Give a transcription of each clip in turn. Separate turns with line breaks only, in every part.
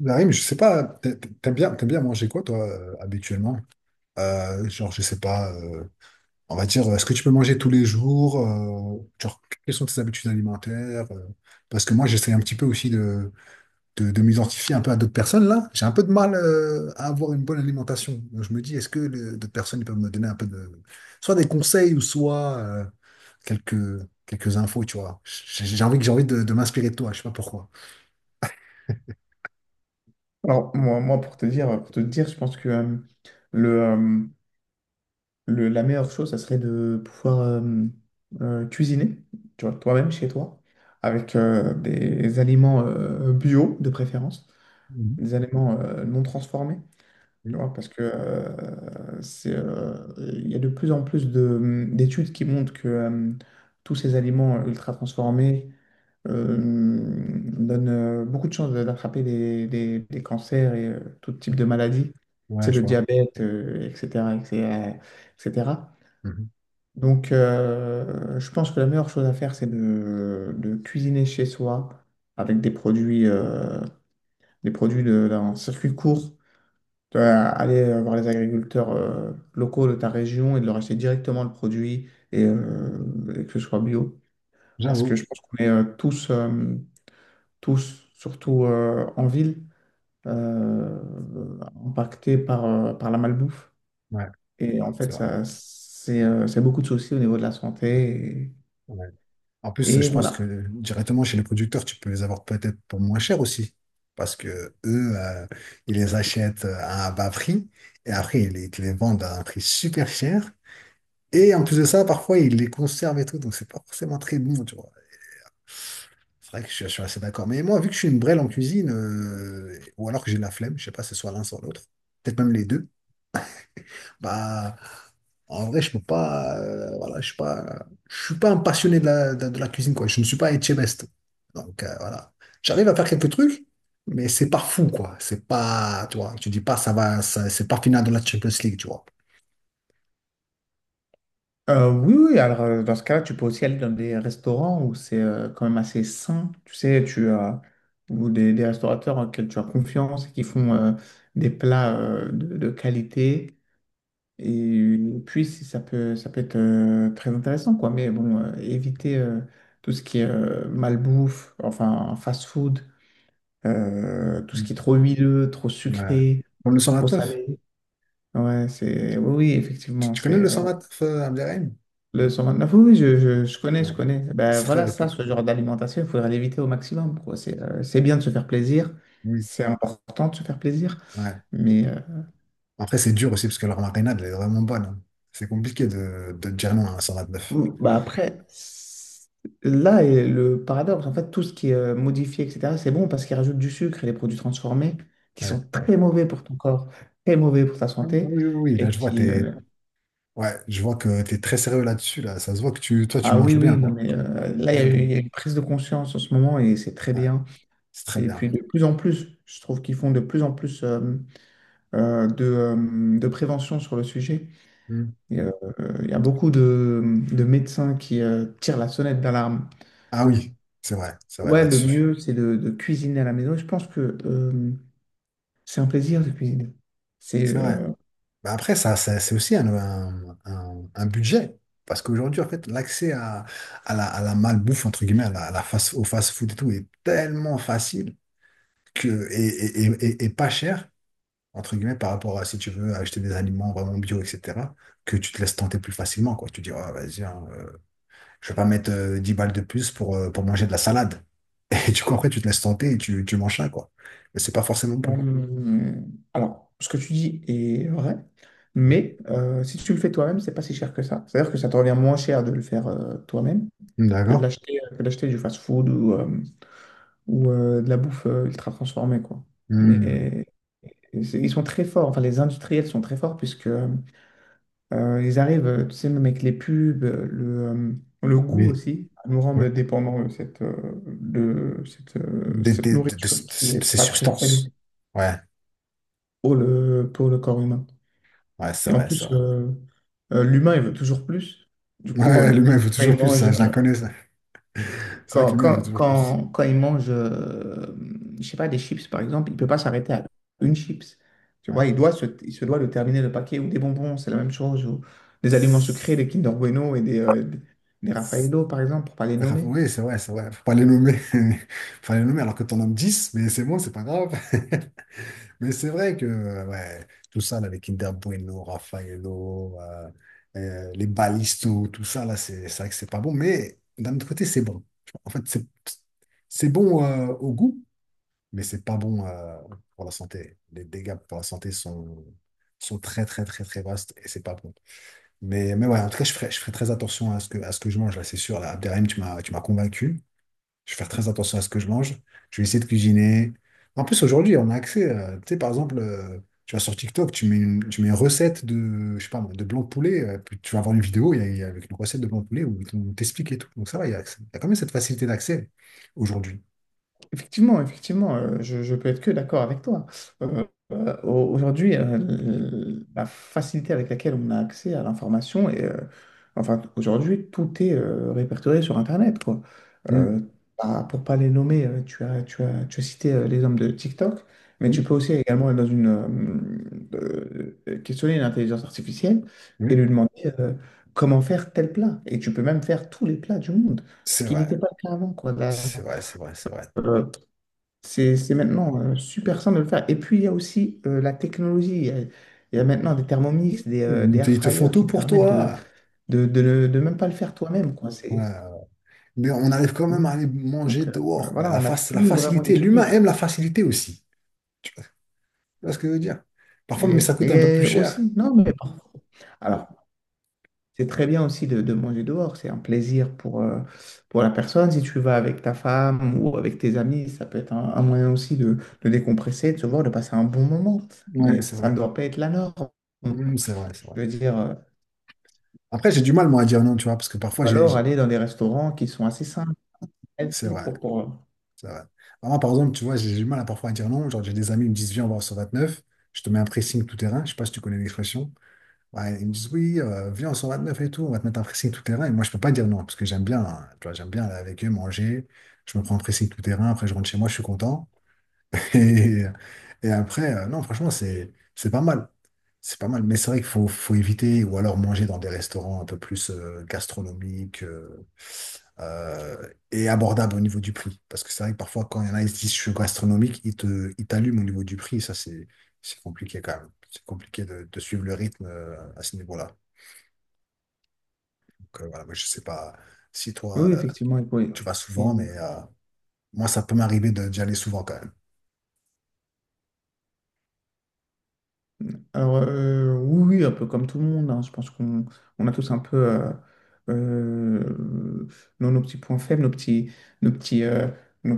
Bah oui, je sais pas, t'aimes bien manger quoi, toi, habituellement? Genre, je sais pas, on va dire, est-ce que tu peux manger tous les jours? Genre, quelles sont tes habitudes alimentaires? Parce que moi, j'essaie un petit peu aussi de m'identifier un peu à d'autres personnes, là. J'ai un peu de mal, à avoir une bonne alimentation. Donc, je me dis, est-ce que d'autres personnes ils peuvent me donner un peu de, soit des conseils ou soit, quelques, quelques infos, tu vois. J'ai envie, j'ai envie de m'inspirer de toi, je sais pas pourquoi.
Alors, pour te dire, je pense que le, euh, la meilleure chose, ça serait de pouvoir cuisiner, tu vois, toi-même chez toi, avec des aliments bio de préférence,
Mhm.
des aliments non transformés, tu
Oui.
vois, parce que il y a de plus en plus d'études qui montrent que tous ces aliments ultra transformés, euh, donne beaucoup de chances d'attraper des cancers et tout type de maladies,
Ouais,
c'est
je
le
vois.
diabète, etc., etc., etc.
Mhm.
Donc, je pense que la meilleure chose à faire, c'est de cuisiner chez soi avec des produits, d'un circuit court. Tu vas aller voir les agriculteurs locaux de ta région et de leur acheter directement le produit et que ce soit bio. Parce que
J'avoue.
je pense qu'on est tous, surtout en ville, euh, impactés par la malbouffe.
Ouais,
Et en fait,
c'est vrai.
ça, c'est beaucoup de soucis au niveau de la santé.
Ouais. En plus,
Et
je pense
voilà.
que directement chez les producteurs, tu peux les avoir peut-être pour moins cher aussi. Parce que eux, ils les achètent à un bas prix et après, ils te les vendent à un prix super cher. Et en plus de ça, parfois, ils les conservent et tout, donc c'est pas forcément très bon, tu vois. C'est vrai que je suis assez d'accord. Mais moi, vu que je suis une brêle en cuisine, ou alors que j'ai la flemme, je sais pas, c'est soit l'un, soit l'autre, peut-être même les deux, bah, en vrai, je peux pas, voilà, je suis pas un passionné de la, de la cuisine, quoi. Je ne suis pas Etchebest. Donc, voilà. J'arrive à faire quelques trucs, mais c'est pas fou, quoi. C'est pas, tu vois, tu dis pas, ça va, c'est pas final de la Champions League, tu vois.
Oui, oui, alors dans ce cas-là, tu peux aussi aller dans des restaurants où c'est quand même assez sain, tu sais, tu as ou des restaurateurs auxquels tu as confiance et qui font des plats de qualité. Et puis, si ça peut être très intéressant, quoi. Mais bon, éviter tout ce qui est malbouffe, enfin fast-food, tout ce qui est trop huileux, trop
Ouais.
sucré,
Comme le
trop
129.
salé. Ouais, c'est... Oui, oui,
Tu,
effectivement,
tu connais le 129 à Abderrahim?
le 129, oui, oui, je connais,
Ouais.
je connais. Ben
C'est très
voilà, ça,
réputé.
ce genre d'alimentation, il faudrait l'éviter au maximum, quoi. C'est bien de se faire plaisir,
Oui.
c'est important de se faire plaisir,
Ouais.
mais...
Après, c'est dur aussi parce que leur marinade, elle est vraiment bonne, hein. C'est compliqué de dire non à un 129.
Mm, bah après, là est le paradoxe. En fait, tout ce qui est modifié, etc., c'est bon parce qu'ils rajoutent du sucre et des produits transformés qui
Ouais.
sont très mauvais pour ton corps, très mauvais pour ta
Ah, ah,
santé.
oui, oui, oui,
Et
là, je vois,
qui.
t'es... Ouais, je vois que tu es très sérieux là-dessus, là. Ça se voit que toi, tu
Ah oui,
manges bien,
oui, non,
quoi.
mais là,
Mais bon.
il y a une prise de conscience en ce moment et c'est très
Ouais.
bien.
C'est très
Et
bien.
puis, de plus en plus, je trouve qu'ils font de plus en plus de prévention sur le sujet.
Hmm.
Et, euh, Il y a beaucoup de médecins qui tirent la sonnette d'alarme.
Ah oui, c'est vrai
Ouais, le
là-dessus.
mieux, c'est de cuisiner à la maison. Je pense que c'est un plaisir de cuisiner. C'est
C'est vrai. Mais après, c'est aussi un budget. Parce qu'aujourd'hui, en fait, l'accès à, à la malbouffe, entre guillemets, au fast-food et tout, est tellement facile que, et pas cher, entre guillemets, par rapport à si tu veux acheter des aliments vraiment bio, etc., que tu te laisses tenter plus facilement, quoi. Tu dis, Ah, vas-y, hein, je vais pas mettre 10 balles de plus pour manger de la salade. Et du coup, après, tu te laisses tenter et tu manges ça, quoi. Mais c'est pas forcément bon.
euh, alors, ce que tu dis est vrai,
Oui.
mais si tu le fais toi-même, c'est pas si cher que ça. C'est-à-dire que ça te revient moins cher de le faire toi-même que de
D'accord.
l'acheter que d'acheter du fast-food ou de la bouffe ultra transformée, quoi.
Hmm.
Mais ils sont très forts. Enfin, les industriels sont très forts puisque ils arrivent, tu sais, même avec les pubs, le goût
Oui.
aussi, à nous
Ouais.
rendre dépendants de cette,
Des-
cette
des- de, de-
nourriture qui n'est
de- ces
pas très
substances.
saine
Ouais.
pour pour le corps humain.
Ouais, c'est
Et en
vrai, c'est
plus,
vrai.
l'humain, il veut toujours plus. Du coup,
Ouais, l'humain veut
quand il
toujours plus,
mange,
ça, je la connais, ça. C'est vrai que l'humain veut toujours plus.
Quand il mange, je sais pas, des chips par exemple, il peut pas s'arrêter à une chips. Tu
Ouais.
vois, il se doit de terminer le paquet ou des bonbons, c'est la même chose, ou des aliments sucrés,
C'est
des Kinder Bueno et des Raffaello par exemple, pour pas les
raf-
nommer.
Oui, c'est vrai, c'est vrai. Faut pas les nommer. Faut pas les nommer alors que t'en nommes 10 mais c'est bon, c'est pas grave. Mais c'est vrai que ouais, tout ça, là, les Kinder Bueno, Raffaello, les balisto tout ça, là, c'est vrai que c'est pas bon. Mais d'un autre côté, c'est bon. Tu vois, en fait, c'est bon au goût, mais c'est pas bon pour la santé. Les dégâts pour la santé sont très, très, très, très vastes et c'est pas bon. Mais ouais, en tout cas, je ferai très attention à ce que je mange, là, c'est sûr. Là, Abderrahim, tu m'as convaincu. Je vais faire très attention à ce que je mange. Je vais essayer de cuisiner. En plus, aujourd'hui, on a accès. Tu sais, par exemple, tu vas sur TikTok, tu mets une recette de, je sais pas, moi, de blanc de poulet. Puis tu vas avoir une vidéo il y a avec une recette de blanc de poulet où on t'explique et tout. Donc ça va, il y a quand même cette facilité d'accès aujourd'hui.
Effectivement, effectivement, je peux être que d'accord avec toi. Euh, Aujourd'hui, la facilité avec laquelle on a accès à l'information, enfin, aujourd'hui, tout est répertorié sur Internet, quoi.
Mm.
Euh, Bah, pour pas les nommer, tu as cité les hommes de TikTok, mais
Oui,
tu peux aussi également être dans une, questionner une intelligence artificielle et
oui,
lui demander euh, comment faire tel plat. Et tu peux même faire tous les plats du monde, ce
c'est
qui
vrai.
n'était pas le cas avant, quoi. Là,
C'est vrai, c'est vrai, c'est vrai.
c'est maintenant super simple de le faire. Et puis, il y a aussi la technologie. Il y a maintenant des Thermomix,
Et
des
Ils te,
air
ils te font
fryers
tout
qui te
pour
permettent
toi.
de même pas le faire toi-même, quoi.
Ouais,
C'est,
ouais. Mais on arrive quand
oui.
même à aller manger
Donc,
dehors, quoi.
voilà,
La
on n'a
face, la
plus vraiment
facilité. L'humain
d'excuses.
aime la facilité aussi. Tu vois ce que je veux dire? Parfois, mais ça
Et,
coûte un peu plus
et
cher.
aussi, non, mais parfois. Alors, c'est très bien aussi de manger dehors. C'est un plaisir pour la personne. Si tu vas avec ta femme ou avec tes amis, ça peut être un moyen aussi de décompresser, de se voir, de passer un bon moment.
Ouais,
Mais
c'est
ça
vrai.
ne doit pas être la norme.
Mm, c'est vrai, c'est
Je
vrai.
veux dire,
Après, j'ai du mal, moi, à dire non, tu vois, parce que parfois,
ou alors aller dans des restaurants qui sont assez simples,
C'est
healthy
vrai, c'est vrai. Moi, par exemple, tu vois, j'ai du mal à parfois à dire non. Genre, j'ai des amis, ils me disent, viens, on va au neuf. Je te mets un pressing tout terrain. Je sais pas si tu connais l'expression. Ouais, ils me disent oui, viens, on 129 et tout, on va te mettre un pressing tout terrain. Et moi, je peux pas dire non, parce que j'aime bien, hein, tu vois, j'aime bien aller avec eux, manger. Je me prends un pressing tout terrain, après je rentre chez moi, je suis content. Et, et après, non, franchement, c'est pas mal. C'est pas mal. Mais c'est vrai qu'il faut éviter ou alors manger dans des restaurants un peu plus gastronomiques euh, et abordables au niveau du prix. Parce que c'est vrai que parfois, quand il y en a, ils se disent je suis gastronomique, ils t'allument au niveau du prix. Ça, c'est compliqué quand même. C'est compliqué de, suivre le rythme à ce niveau-là. Donc voilà, moi, je sais pas si
Oui,
toi,
oui, effectivement,
tu vas souvent,
il-
mais moi, ça peut m'arriver d'y aller souvent quand même.
Alors, oui, oui, un peu comme tout le monde, hein, je pense qu'on on a tous un peu euh, euh, nos petits points faibles, nos petits, euh, nos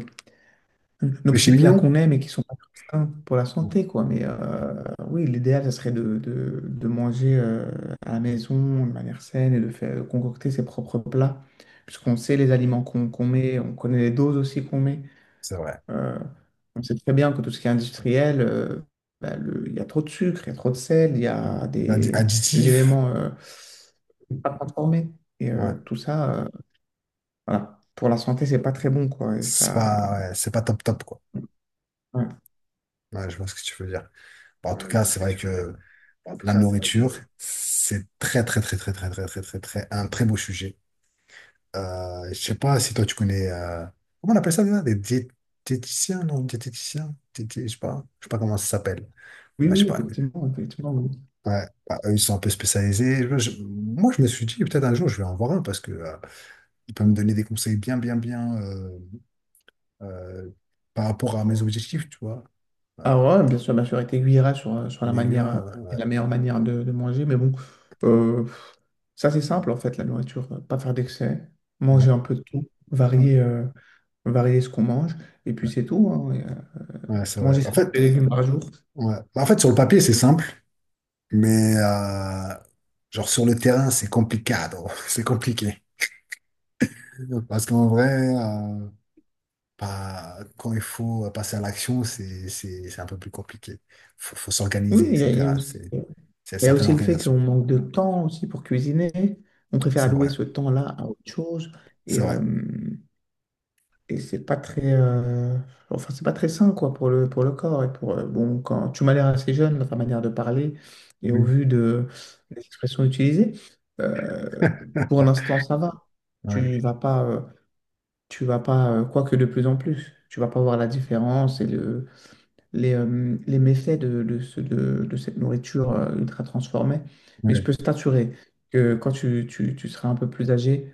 nos
Péché
petits plats
mignon.
qu'on aime et qui sont pas très sains pour la
Mm.
santé, quoi. Mais oui, l'idéal, ça serait de manger à la maison de manière saine et de concocter ses propres plats, puisqu'on sait les aliments qu'on met, on connaît les doses aussi qu'on met.
C'est vrai.
Euh, on sait très bien que tout ce qui est industriel, bah, il y a trop de sucre, il y a trop de sel, il y
Mm.
a des
Additif,
éléments pas transformés. Et
ouais.
tout ça, voilà, pour la santé, c'est pas très bon, quoi. Et
C'est
ça.
pas, ouais, c'est pas top top, quoi.
Ouais.
Ouais, je vois ce que tu veux dire. Bon, en tout cas, c'est vrai que la nourriture, c'est très, très, très, très, très, très, très, très, très, un très beau sujet. Je sais pas si toi, tu connais, comment on appelle ça déjà? Des diététiciens, non, diététiciens, je sais pas comment ça s'appelle.
Oui,
Ouais, je sais
oui,
pas.
effectivement, effectivement. Oui.
Ouais, bah, eux, ils sont un peu spécialisés. Moi, je me suis dit, peut-être un jour, je vais en voir un parce que il peut me donner des conseils bien, bien, bien euh, par rapport à mes objectifs, tu vois. Euh,
Alors, ouais, bien sûr, il t'aiguillera sur la
mais
manière
ouais,
et
ouais,
la meilleure manière de manger, mais bon, euh, ça c'est simple en fait, la nourriture, pas faire d'excès,
ouais,
manger un peu de tout,
ouais,
varier ce qu'on mange, et puis
ouais.
c'est tout, hein,
Ouais, c'est vrai.
manger
En
5
fait,
légumes par jour.
ouais. Bah, en fait, sur le papier, c'est simple, mais genre sur le terrain, c'est compliqué. C'est compliqué. Parce qu'en vrai, euh, bah, quand il faut passer à l'action, c'est un peu plus compliqué. Faut
Oui,
s'organiser, etc. C'est
il y a
certaines
aussi le fait
organisations.
qu'on manque de temps aussi pour cuisiner, on préfère
C'est
allouer
vrai.
ce temps-là à autre chose, et,
C'est vrai.
euh, Et c'est pas très, enfin, c'est pas très sain, quoi, pour pour le corps. Et pour, bon, quand tu m'as l'air assez jeune dans ta manière de parler et au
Oui.
vu des expressions utilisées, euh, pour l'instant, ça va.
Ouais,
Tu vas pas, euh, Tu vas pas, quoique de plus en plus, tu vas pas voir la différence et les méfaits de cette nourriture ultra transformée. Mais je
ouais.
peux t'assurer que quand tu seras un peu plus âgé,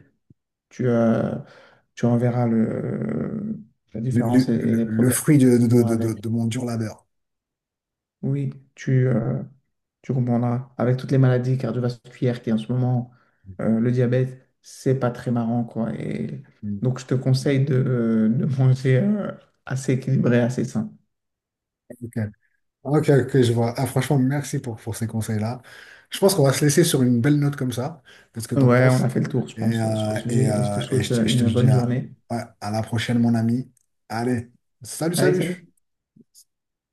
tu enverras la
Le, le-
différence et
le-
les
le
problèmes
fruit de,
qu'ils
de,
ont
de, de,
avec.
de mon dur labeur.
Oui, tu, euh, tu comprendras. Avec toutes les maladies cardiovasculaires qui en ce moment, le diabète, c'est pas très marrant, quoi. Et
Mm.
donc, je te conseille de manger assez équilibré, assez sain.
Ok, ok, ok, je vois. Ah, franchement, merci pour ces conseils-là. Je pense qu'on va se laisser sur une belle note comme ça. Qu'est-ce que tu en
Ouais, on a
penses?
fait le tour, je
Et,
pense, sur
euh,
le sujet.
et,
Et je te
euh, et
souhaite
je, te je te
une
dis
bonne journée.
ouais, à la prochaine, mon ami. Allez, salut,
Allez,
salut!
salut!